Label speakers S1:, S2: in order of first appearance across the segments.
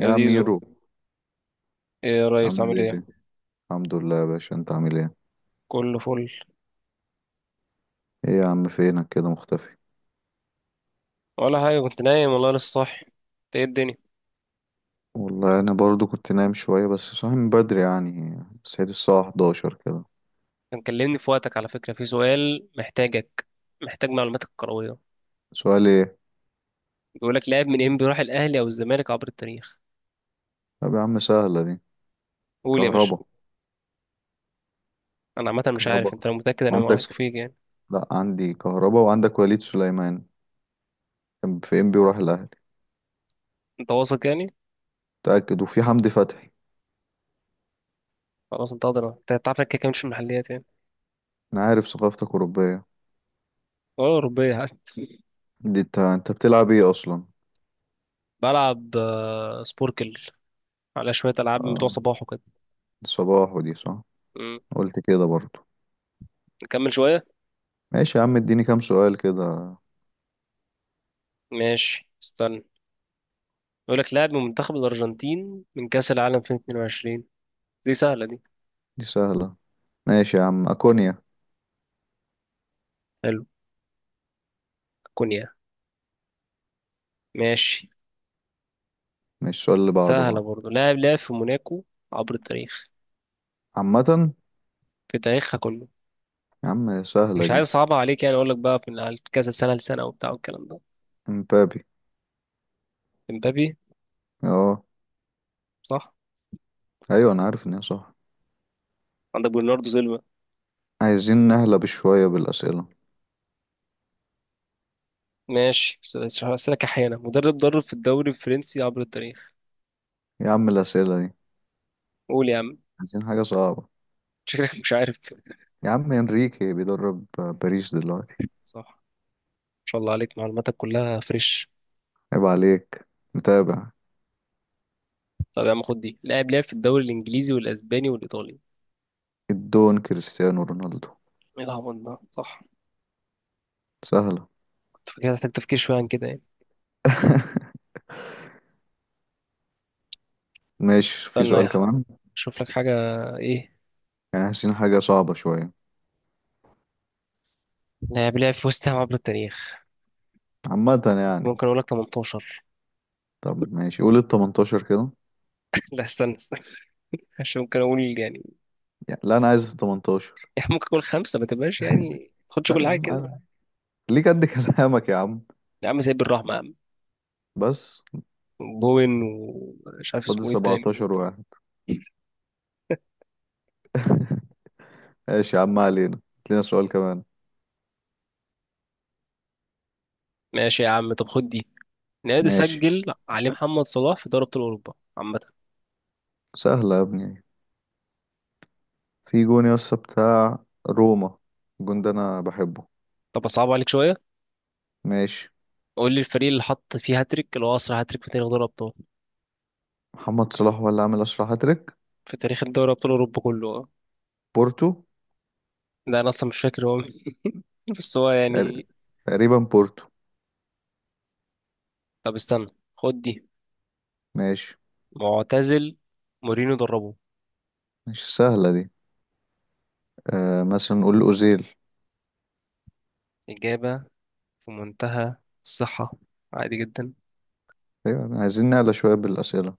S1: يا
S2: يا
S1: زيزو.
S2: ميرو،
S1: ايه يا ريس،
S2: عامل
S1: عامل
S2: ايه؟
S1: ايه؟
S2: الحمد لله يا باشا، انت عامل ايه؟
S1: كله فل.
S2: ايه يا عم، فينك كده مختفي؟
S1: ولا حاجه، كنت نايم والله، لسه صاحي. انت ايه الدنيا؟
S2: والله انا برضو كنت نايم شويه بس صاحي من بدري، يعني صحيت الساعه 11 كده.
S1: كان كلمني في وقتك، على فكره في سؤال محتاجك، محتاج معلوماتك الكرويه.
S2: سؤال ايه؟
S1: بيقول لك لاعب من انبي راح الاهلي او الزمالك عبر التاريخ.
S2: طب يا عم سهله دي.
S1: قول يا باشا.
S2: كهربا.
S1: انا عامه مش
S2: كهربا؟
S1: عارف انت لو متاكد، انا ما واثق
S2: عندك؟
S1: فيك يعني.
S2: لا، عندي كهربا وعندك وليد سليمان. كان في ام بي وراح الاهلي.
S1: انت واثق يعني؟
S2: متاكد، وفي حمدي فتحي.
S1: خلاص، انت قادر، انت تعرف انك كده كده مش في المحليات يعني.
S2: انا عارف ثقافتك اوروبيه.
S1: ولا اوروبيه حتى.
S2: دي انت بتلعب ايه اصلا؟
S1: بلعب سبوركل، على شويه العاب من بتوع
S2: اه،
S1: صباح وكده.
S2: صباح، ودي صح.
S1: مم.
S2: قلت كده برضو.
S1: نكمل شويه.
S2: ماشي يا عم، اديني كام سؤال كده.
S1: ماشي، استنى. يقول لك لاعب من منتخب الأرجنتين من كأس العالم 2022. دي سهلة دي.
S2: دي سهله. ماشي يا عم، اكونيا.
S1: حلو. كونيا. ماشي.
S2: مش السؤال اللي بعده
S1: سهلة
S2: بقى.
S1: برضه، لاعب لعب في موناكو عبر التاريخ،
S2: عامة.
S1: في تاريخها كله.
S2: يا عم سهلة
S1: مش عايز
S2: دي.
S1: أصعبها عليك يعني، أقول لك بقى من على كذا سنة لسنة وبتاع والكلام ده.
S2: امبابي.
S1: امبابي.
S2: اه.
S1: صح.
S2: ايوه انا عارف ان هي صح.
S1: عندك برناردو سيلفا.
S2: عايزين نهلب شوية بالاسئلة.
S1: ماشي أسألك أحيانا، مدرب درب في الدوري الفرنسي عبر التاريخ.
S2: يا عم الاسئلة دي.
S1: قول يا عم.
S2: عايزين حاجة صعبة.
S1: شكلك مش عارف.
S2: يا عم انريكي بيدرب باريس دلوقتي.
S1: صح، ما شاء الله عليك، معلوماتك كلها فريش.
S2: عيب عليك. متابع.
S1: طب يا عم خد دي، لاعب لعب في الدوري الإنجليزي والأسباني والإيطالي.
S2: الدون كريستيانو رونالدو.
S1: ايه العبط ده، صح.
S2: سهلة.
S1: تفكير، محتاج تفكير شوية عن كده يعني.
S2: ماشي، في
S1: استنى
S2: سؤال كمان.
S1: أشوف لك حاجة. إيه؟
S2: يعني عايزين حاجة صعبة شوية.
S1: لاعب لعب في وست هام عبر التاريخ.
S2: عامة يعني.
S1: ممكن أقول لك 18.
S2: طب ماشي، قول ال 18 كده.
S1: لا، استنى استنى، عشان ممكن أقول يعني.
S2: يعني لا، انا عايز ال 18.
S1: يعني ممكن أقول خمسة، ما تبقاش يعني ما تاخدش
S2: لا
S1: كل
S2: يا
S1: حاجة كده.
S2: عم. ليه قد كلامك يا عم؟
S1: يا عم زي بالرحمة يا عم.
S2: بس.
S1: بوين، ومش عارف
S2: فاضل
S1: اسمه إيه التاني.
S2: 17 واحد. ماشي يا عم، ما علينا، هات لنا سؤال كمان.
S1: ماشي يا عم، طب خد دي. نادي
S2: ماشي.
S1: سجل عليه محمد صلاح في دوري أبطال أوروبا، عامة.
S2: سهلة يا ابني. في جون يا اسطى بتاع روما. الجون ده انا بحبه.
S1: طب أصعب عليك شوية.
S2: ماشي.
S1: قول لي الفريق اللي حط فيه هاتريك، اللي هو أسرع هاتريك في تاريخ دوري أبطال،
S2: محمد صلاح هو اللي عامل اسرع هاتريك.
S1: في تاريخ الدوري أبطال أوروبا كله.
S2: بورتو.
S1: ده انا اصلا مش فاكر هو مين. بس هو
S2: تقر-
S1: يعني.
S2: تقريبا بورتو.
S1: طب استنى، خد دي.
S2: ماشي.
S1: معتزل، مورينو دربه.
S2: مش سهلة دي. مثلا نقول اوزيل.
S1: اجابه في منتهى الصحه، عادي جدا.
S2: ايوه، عايزين نعلى شوية بالأسئلة.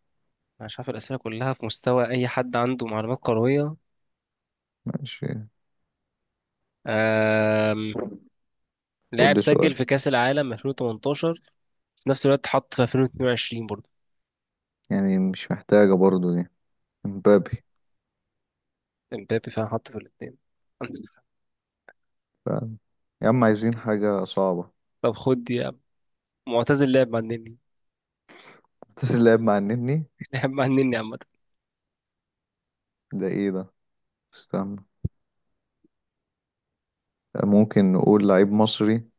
S1: انا مش عارف، الاسئله كلها في مستوى اي حد عنده معلومات كرويه.
S2: ماشي.
S1: أم...
S2: قول
S1: لاعب
S2: لي سؤال.
S1: سجل في كاس العالم 2018، في نفس الوقت حط في 2022 برضه.
S2: يعني مش محتاجة برضو دي. مبابي.
S1: امبابي فعلا حط في الاثنين.
S2: ف- يا عم عايزين حاجة صعبة.
S1: طب خد دي يا عم، معتزل لعب مع النني.
S2: بس اللاعب مع النني.
S1: لعب مع النني، عامه.
S2: ده ايه ده؟ استنى. ممكن نقول لعيب مصري.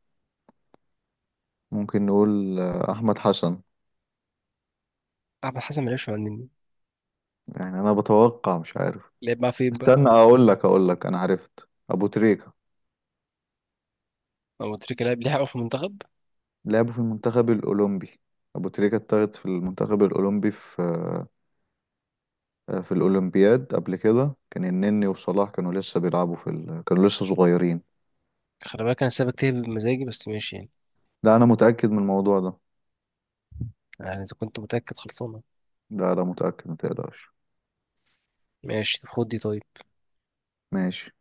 S2: ممكن نقول احمد حسن.
S1: احمد حسن ما لعبش مع النني.
S2: يعني انا بتوقع مش عارف.
S1: لعب مع فين بقى؟
S2: استنى، اقول لك انا عرفت ابو تريكة.
S1: هو تريكة لعب ليه حقه في المنتخب؟
S2: لعبه في المنتخب الاولمبي. ابو تريكة اتاخد في المنتخب الاولمبي في الاولمبياد قبل كده. كان النني وصلاح كانوا لسه بيلعبوا كانوا لسه صغيرين.
S1: خلي بالك انا سايبك تهبد بمزاجي، بس ماشي يعني.
S2: لا انا متأكد من الموضوع ده.
S1: يعني اذا كنت متاكد، خلصانه.
S2: لا لا متأكد، ما تقلقش.
S1: ماشي، طب خد دي طيب.
S2: ماشي.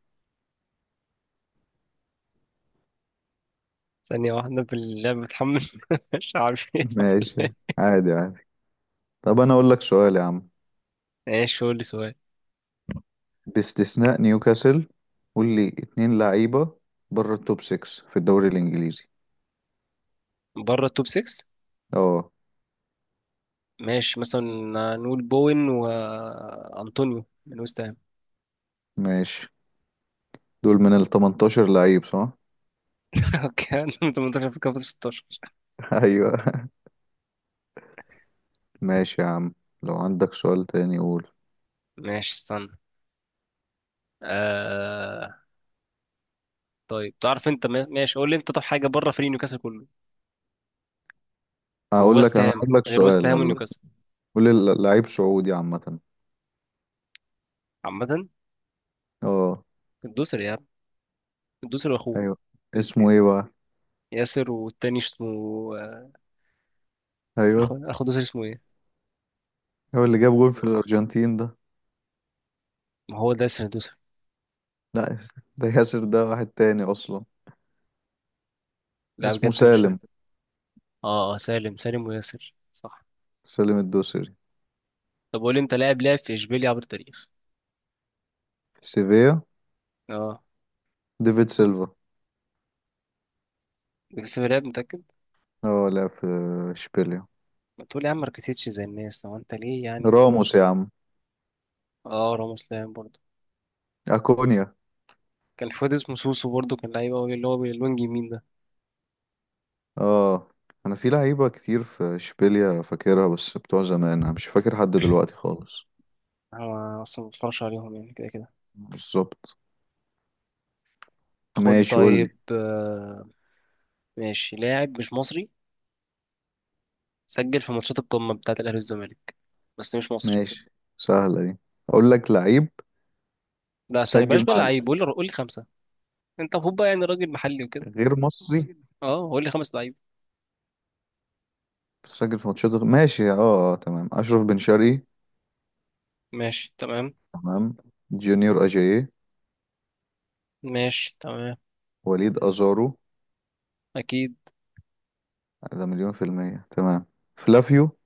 S1: ثانيه واحده، في اللعبه بتحمل. مش عارف ايه.
S2: ماشي. عادي عادي. طب انا اقول لك سؤال يا عم.
S1: ماشي، قول لي سؤال.
S2: باستثناء نيوكاسل، قول لي اتنين لعيبة بره التوب 6 في الدوري الإنجليزي.
S1: بره التوب 6.
S2: اه.
S1: ماشي، مثلا نقول بوين وانطونيو من وست هام.
S2: ماشي. دول من ال 18 لعيب صح؟
S1: اوكي، أنا 18 في كام، 16؟
S2: أيوه. ماشي يا عم، لو عندك سؤال تاني قول.
S1: ماشي استنى. آه... طيب تعرف انت ماشي، قول لي انت، طب حاجه بره فريق نيوكاسل كله
S2: هقول
S1: ووست
S2: لك أنا
S1: هام،
S2: هقول لك
S1: غير وست
S2: سؤال
S1: هام
S2: والله.
S1: ونيوكاسل.
S2: قول لي لعيب سعودي عامة.
S1: عامه.
S2: اه.
S1: الدوسري يا عم، الدوسري واخوه.
S2: أيوه. اسمه ايه بقى؟
S1: ياسر، والتاني اسمه آه، اخو
S2: أيوه.
S1: اخو دوسر، اسمه ايه؟
S2: هو اللي جاب جول في الأرجنتين ده.
S1: ما هو ده ياسر دوسر.
S2: لا. ده ياسر، ده واحد تاني أصلا.
S1: لا
S2: اسمه
S1: بجد مش فاكر.
S2: سالم.
S1: اه، سالم، سالم وياسر، صح.
S2: سالم الدوسري.
S1: طب قول لي انت، لاعب لعب في اشبيليا عبر التاريخ.
S2: سيفيا.
S1: اه،
S2: ديفيد سيلفا.
S1: بس في لاعب متأكد.
S2: اه، لعب في اشبيليا.
S1: ما تقول يا عم ماركتيتش زي الناس، هو انت ليه يعني؟
S2: راموس يا عم.
S1: اه، راموس لاعب برضه.
S2: اكونيا.
S1: كان في واد اسمه سوسو برضه، كان لعيب قوي، اللي هو بالوينج يمين ده.
S2: اه. انا في لعيبه كتير في اشبيليا فاكرها، بس بتوع زمان انا مش فاكر حد دلوقتي خالص.
S1: انا اصلا ما بتفرجش عليهم يعني، كده كده.
S2: بالظبط.
S1: خد
S2: ماشي قول لي.
S1: طيب ماشي، لاعب مش مصري سجل في ماتشات القمة بتاعة الأهلي والزمالك، بس مش مصري.
S2: ماشي. سهله دي. اقول لك لعيب.
S1: لا استنى،
S2: سجل
S1: بلاش بقى
S2: مع
S1: لعيب،
S2: ال-
S1: قول لي قول لي خمسة. انت المفروض بقى يعني راجل محلي وكده.
S2: غير مصري.
S1: اه، قول لي خمس لعيب.
S2: سجل في ماتشات ماشي، تمام، اشرف بن شرقي.
S1: ماشي تمام.
S2: تمام. جونيور اجاييه.
S1: ماشي تمام.
S2: وليد ازارو.
S1: اكيد.
S2: ده مليون في المية، تمام. فلافيو.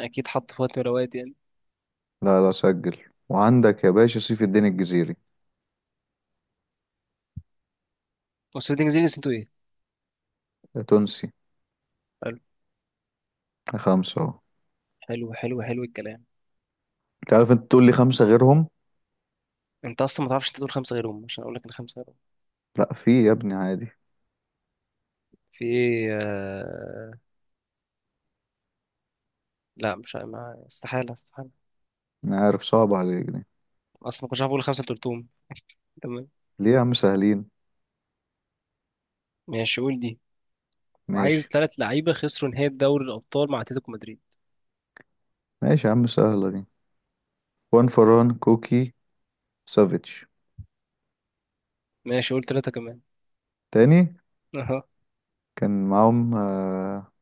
S1: اكيد حط في وقت من الاوقات يعني.
S2: لا لا سجل. وعندك يا باشا سيف الدين الجزيري.
S1: وسيلتنج زينس، انتوا ايه؟
S2: ده تونسي.
S1: حلو.
S2: ده خمسة اهو.
S1: حلو حلو حلو الكلام.
S2: انت عارف انت تقول لي خمسة غيرهم.
S1: انت اصلا ما تعرفش، انت تقول خمسه غيرهم عشان اقول لك ان خمسه غيرهم.
S2: لا، في يا ابني عادي.
S1: في ايه لا، مش ما... استحاله، استحاله.
S2: انا عارف صعب عليك دي.
S1: اصلا ما كنتش عارف اقول خمسه، انت قلتهم. تمام.
S2: ليه يا عم سهلين.
S1: ماشي، قول دي. وعايز
S2: ماشي.
S1: ثلاث لعيبه خسروا نهائي دوري الابطال مع اتلتيكو مدريد.
S2: ماشي يا عم، سهلة دي. وان فران كوكي. سافيتش.
S1: ماشي، قول ثلاثه كمان.
S2: تاني.
S1: اها.
S2: كان معاهم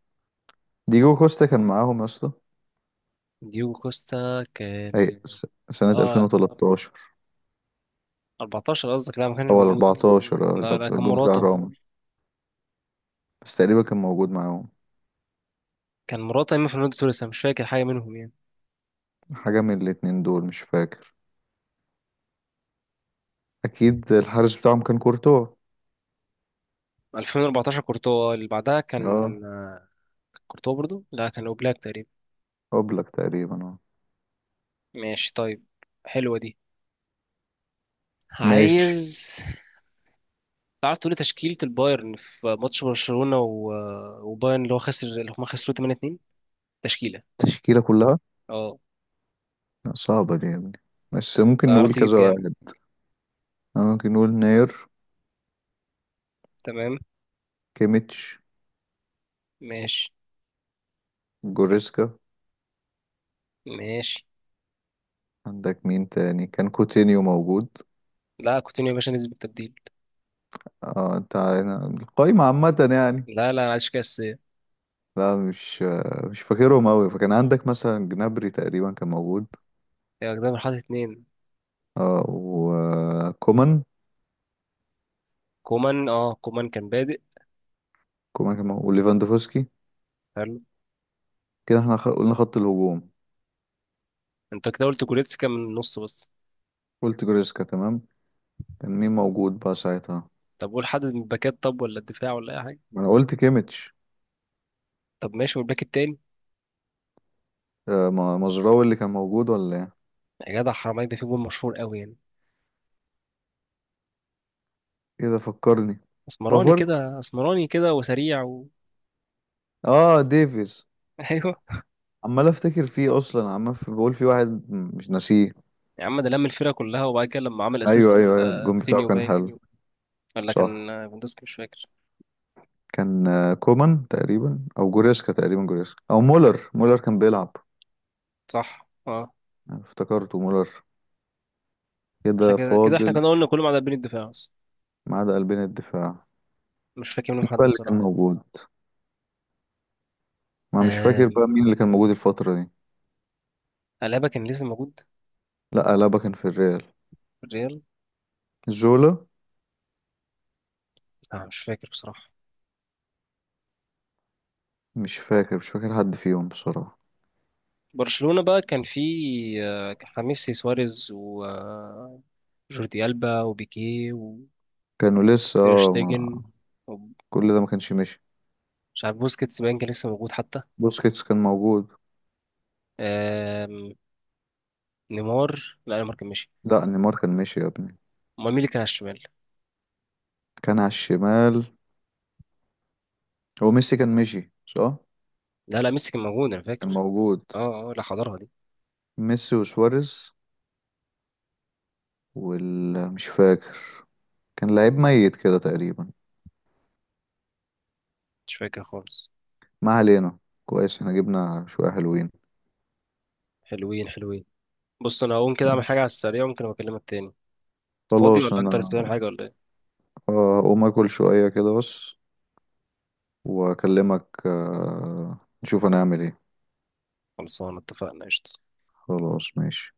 S2: ديجو كوستا كان معاهم يا اسطى.
S1: ديوجو كوستا كان.
S2: سنة
S1: اه،
S2: 2013
S1: 14 قصدك؟ لا، ما كانش
S2: او
S1: موجود.
S2: 14. اه،
S1: لا
S2: لو
S1: لا،
S2: في
S1: كان
S2: الجون بتاع
S1: مراته.
S2: راموس. بس تقريبا كان موجود معاهم.
S1: كان مراته، اما فرناندو توريس أنا مش فاكر حاجه منهم يعني.
S2: حاجة من الاتنين دول مش فاكر. اكيد الحارس بتاعهم كان كورتوا.
S1: 2014 كورتوا، اللي بعدها كان
S2: اه.
S1: آه، كان كورتوا برضو، لا كان اوبلاك تقريبا.
S2: اوبلاك تقريبا، اه.
S1: ماشي طيب. حلوه دي.
S2: ماشي.
S1: عايز تعرف تقولي تشكيلة البايرن في ماتش برشلونة وبايرن، اللي هو خسر، اللي هما خسروا 8-2، تشكيلة.
S2: التشكيلة كلها؟
S1: اه،
S2: لا، صعبة دي يا ابني. بس ممكن
S1: تعرف
S2: نقول
S1: تجيب
S2: كذا
S1: كام؟
S2: واحد. أنا ممكن نقول ناير.
S1: تمام.
S2: كيميتش.
S1: ماشي.
S2: جوريسكا.
S1: ماشي.
S2: عندك مين تاني؟ كان كوتينيو موجود.
S1: لا، كوتينيو يا باشا نزل بالتبديل.
S2: اه، القايمة عامة يعني.
S1: لا لا، انا عايز كاس يا
S2: لا، مش فاكرهم أوي، فكان عندك مثلا جنابري تقريبا كان موجود.
S1: جدعان، حاطط اتنين.
S2: اه، وكومان.
S1: كومان، اه كومان كان بادئ.
S2: كومان كان موجود وليفاندوفسكي.
S1: حلو.
S2: كده احنا قلنا خط الهجوم.
S1: انت كده قلت كوريتسكا من النص بس.
S2: قلت جوريسكا، تمام. كان مين موجود بقى ساعتها؟
S1: طب قول حد من الباكات، طب ولا الدفاع ولا اي حاجه.
S2: ما انا قلت كيميتش.
S1: طب ماشي، والباك التاني؟
S2: مزراوي اللي كان موجود ولا ايه؟
S1: يا جدع حرام عليك، ده في جول مشهور قوي يعني.
S2: كده فكرني.
S1: اسمراني
S2: بافارد.
S1: كده، اسمراني كده وسريع
S2: اه، ديفيز.
S1: ايوه.
S2: عمال افتكر فيه اصلا، عمال بقول في واحد مش ناسيه.
S1: يا عم ده لم الفرقه كلها، وبعد كده لما عمل اسيست
S2: ايوه ايوه ايوه، الجون بتاعه
S1: لكوتينيو
S2: كان
S1: باين،
S2: حلو.
S1: ولا
S2: صح.
S1: كان ليفاندوسكي، مش فاكر.
S2: كان كومان تقريبا او جوريسكا تقريبا، جوريسكا او مولر، مولر كان بيلعب.
S1: صح، اه.
S2: افتكرته مولر.
S1: احنا
S2: كده
S1: كده كده، احنا
S2: فاضل.
S1: كنا قلنا كلهم على بين الدفاع بس.
S2: ما عدا قلبين الدفاع.
S1: مش فاكر منهم
S2: مين
S1: حد
S2: بقى اللي كان
S1: بصراحه.
S2: موجود؟ ما مش فاكر بقى
S1: آم،
S2: مين اللي كان موجود الفترة دي.
S1: ألابا كان لسه موجود.
S2: لا، ألابا كان في الريال.
S1: في الريال.
S2: زولا.
S1: آه، مش فاكر بصراحه.
S2: مش فاكر، مش فاكر حد فيهم بصراحة.
S1: برشلونة بقى كان في خميس، سواريز وجوردي ألبا وبيكيه وتير
S2: كانوا لسه
S1: شتيجن، ومش
S2: كل ده ما كانش ماشي.
S1: عارف. بوسكيتس باين كان لسه موجود حتى.
S2: بوسكيتس كان موجود.
S1: آم، نيمار، لا نيمار كان ماشي.
S2: لا، نيمار كان ماشي يا ابني.
S1: امال مين اللي كان على الشمال؟
S2: كان على الشمال. هو ميسي كان مشي صح؟
S1: لا لا، ميسي كان موجود انا
S2: كان
S1: فاكر.
S2: موجود.
S1: اه اه، لا حضرها دي.
S2: ميسي وسواريز. وال مش فاكر. كان لعيب ميت كده تقريبا.
S1: مش فاكر خالص.
S2: ما علينا. كويس، احنا جبنا شوية حلوين.
S1: حلوين حلوين. بص، انا هقوم كده اعمل حاجة
S2: ماشي.
S1: على السريع، ممكن أبقى اكلمك تاني. انت فاضي ولا
S2: خلاص
S1: انت لسه
S2: انا
S1: بتعمل حاجة ولا ايه؟
S2: هقوم اكل شوية كده بس، واكلمك نشوف هنعمل ايه.
S1: خلصانة، اتفقنا، قشطة.
S2: خلاص ماشي.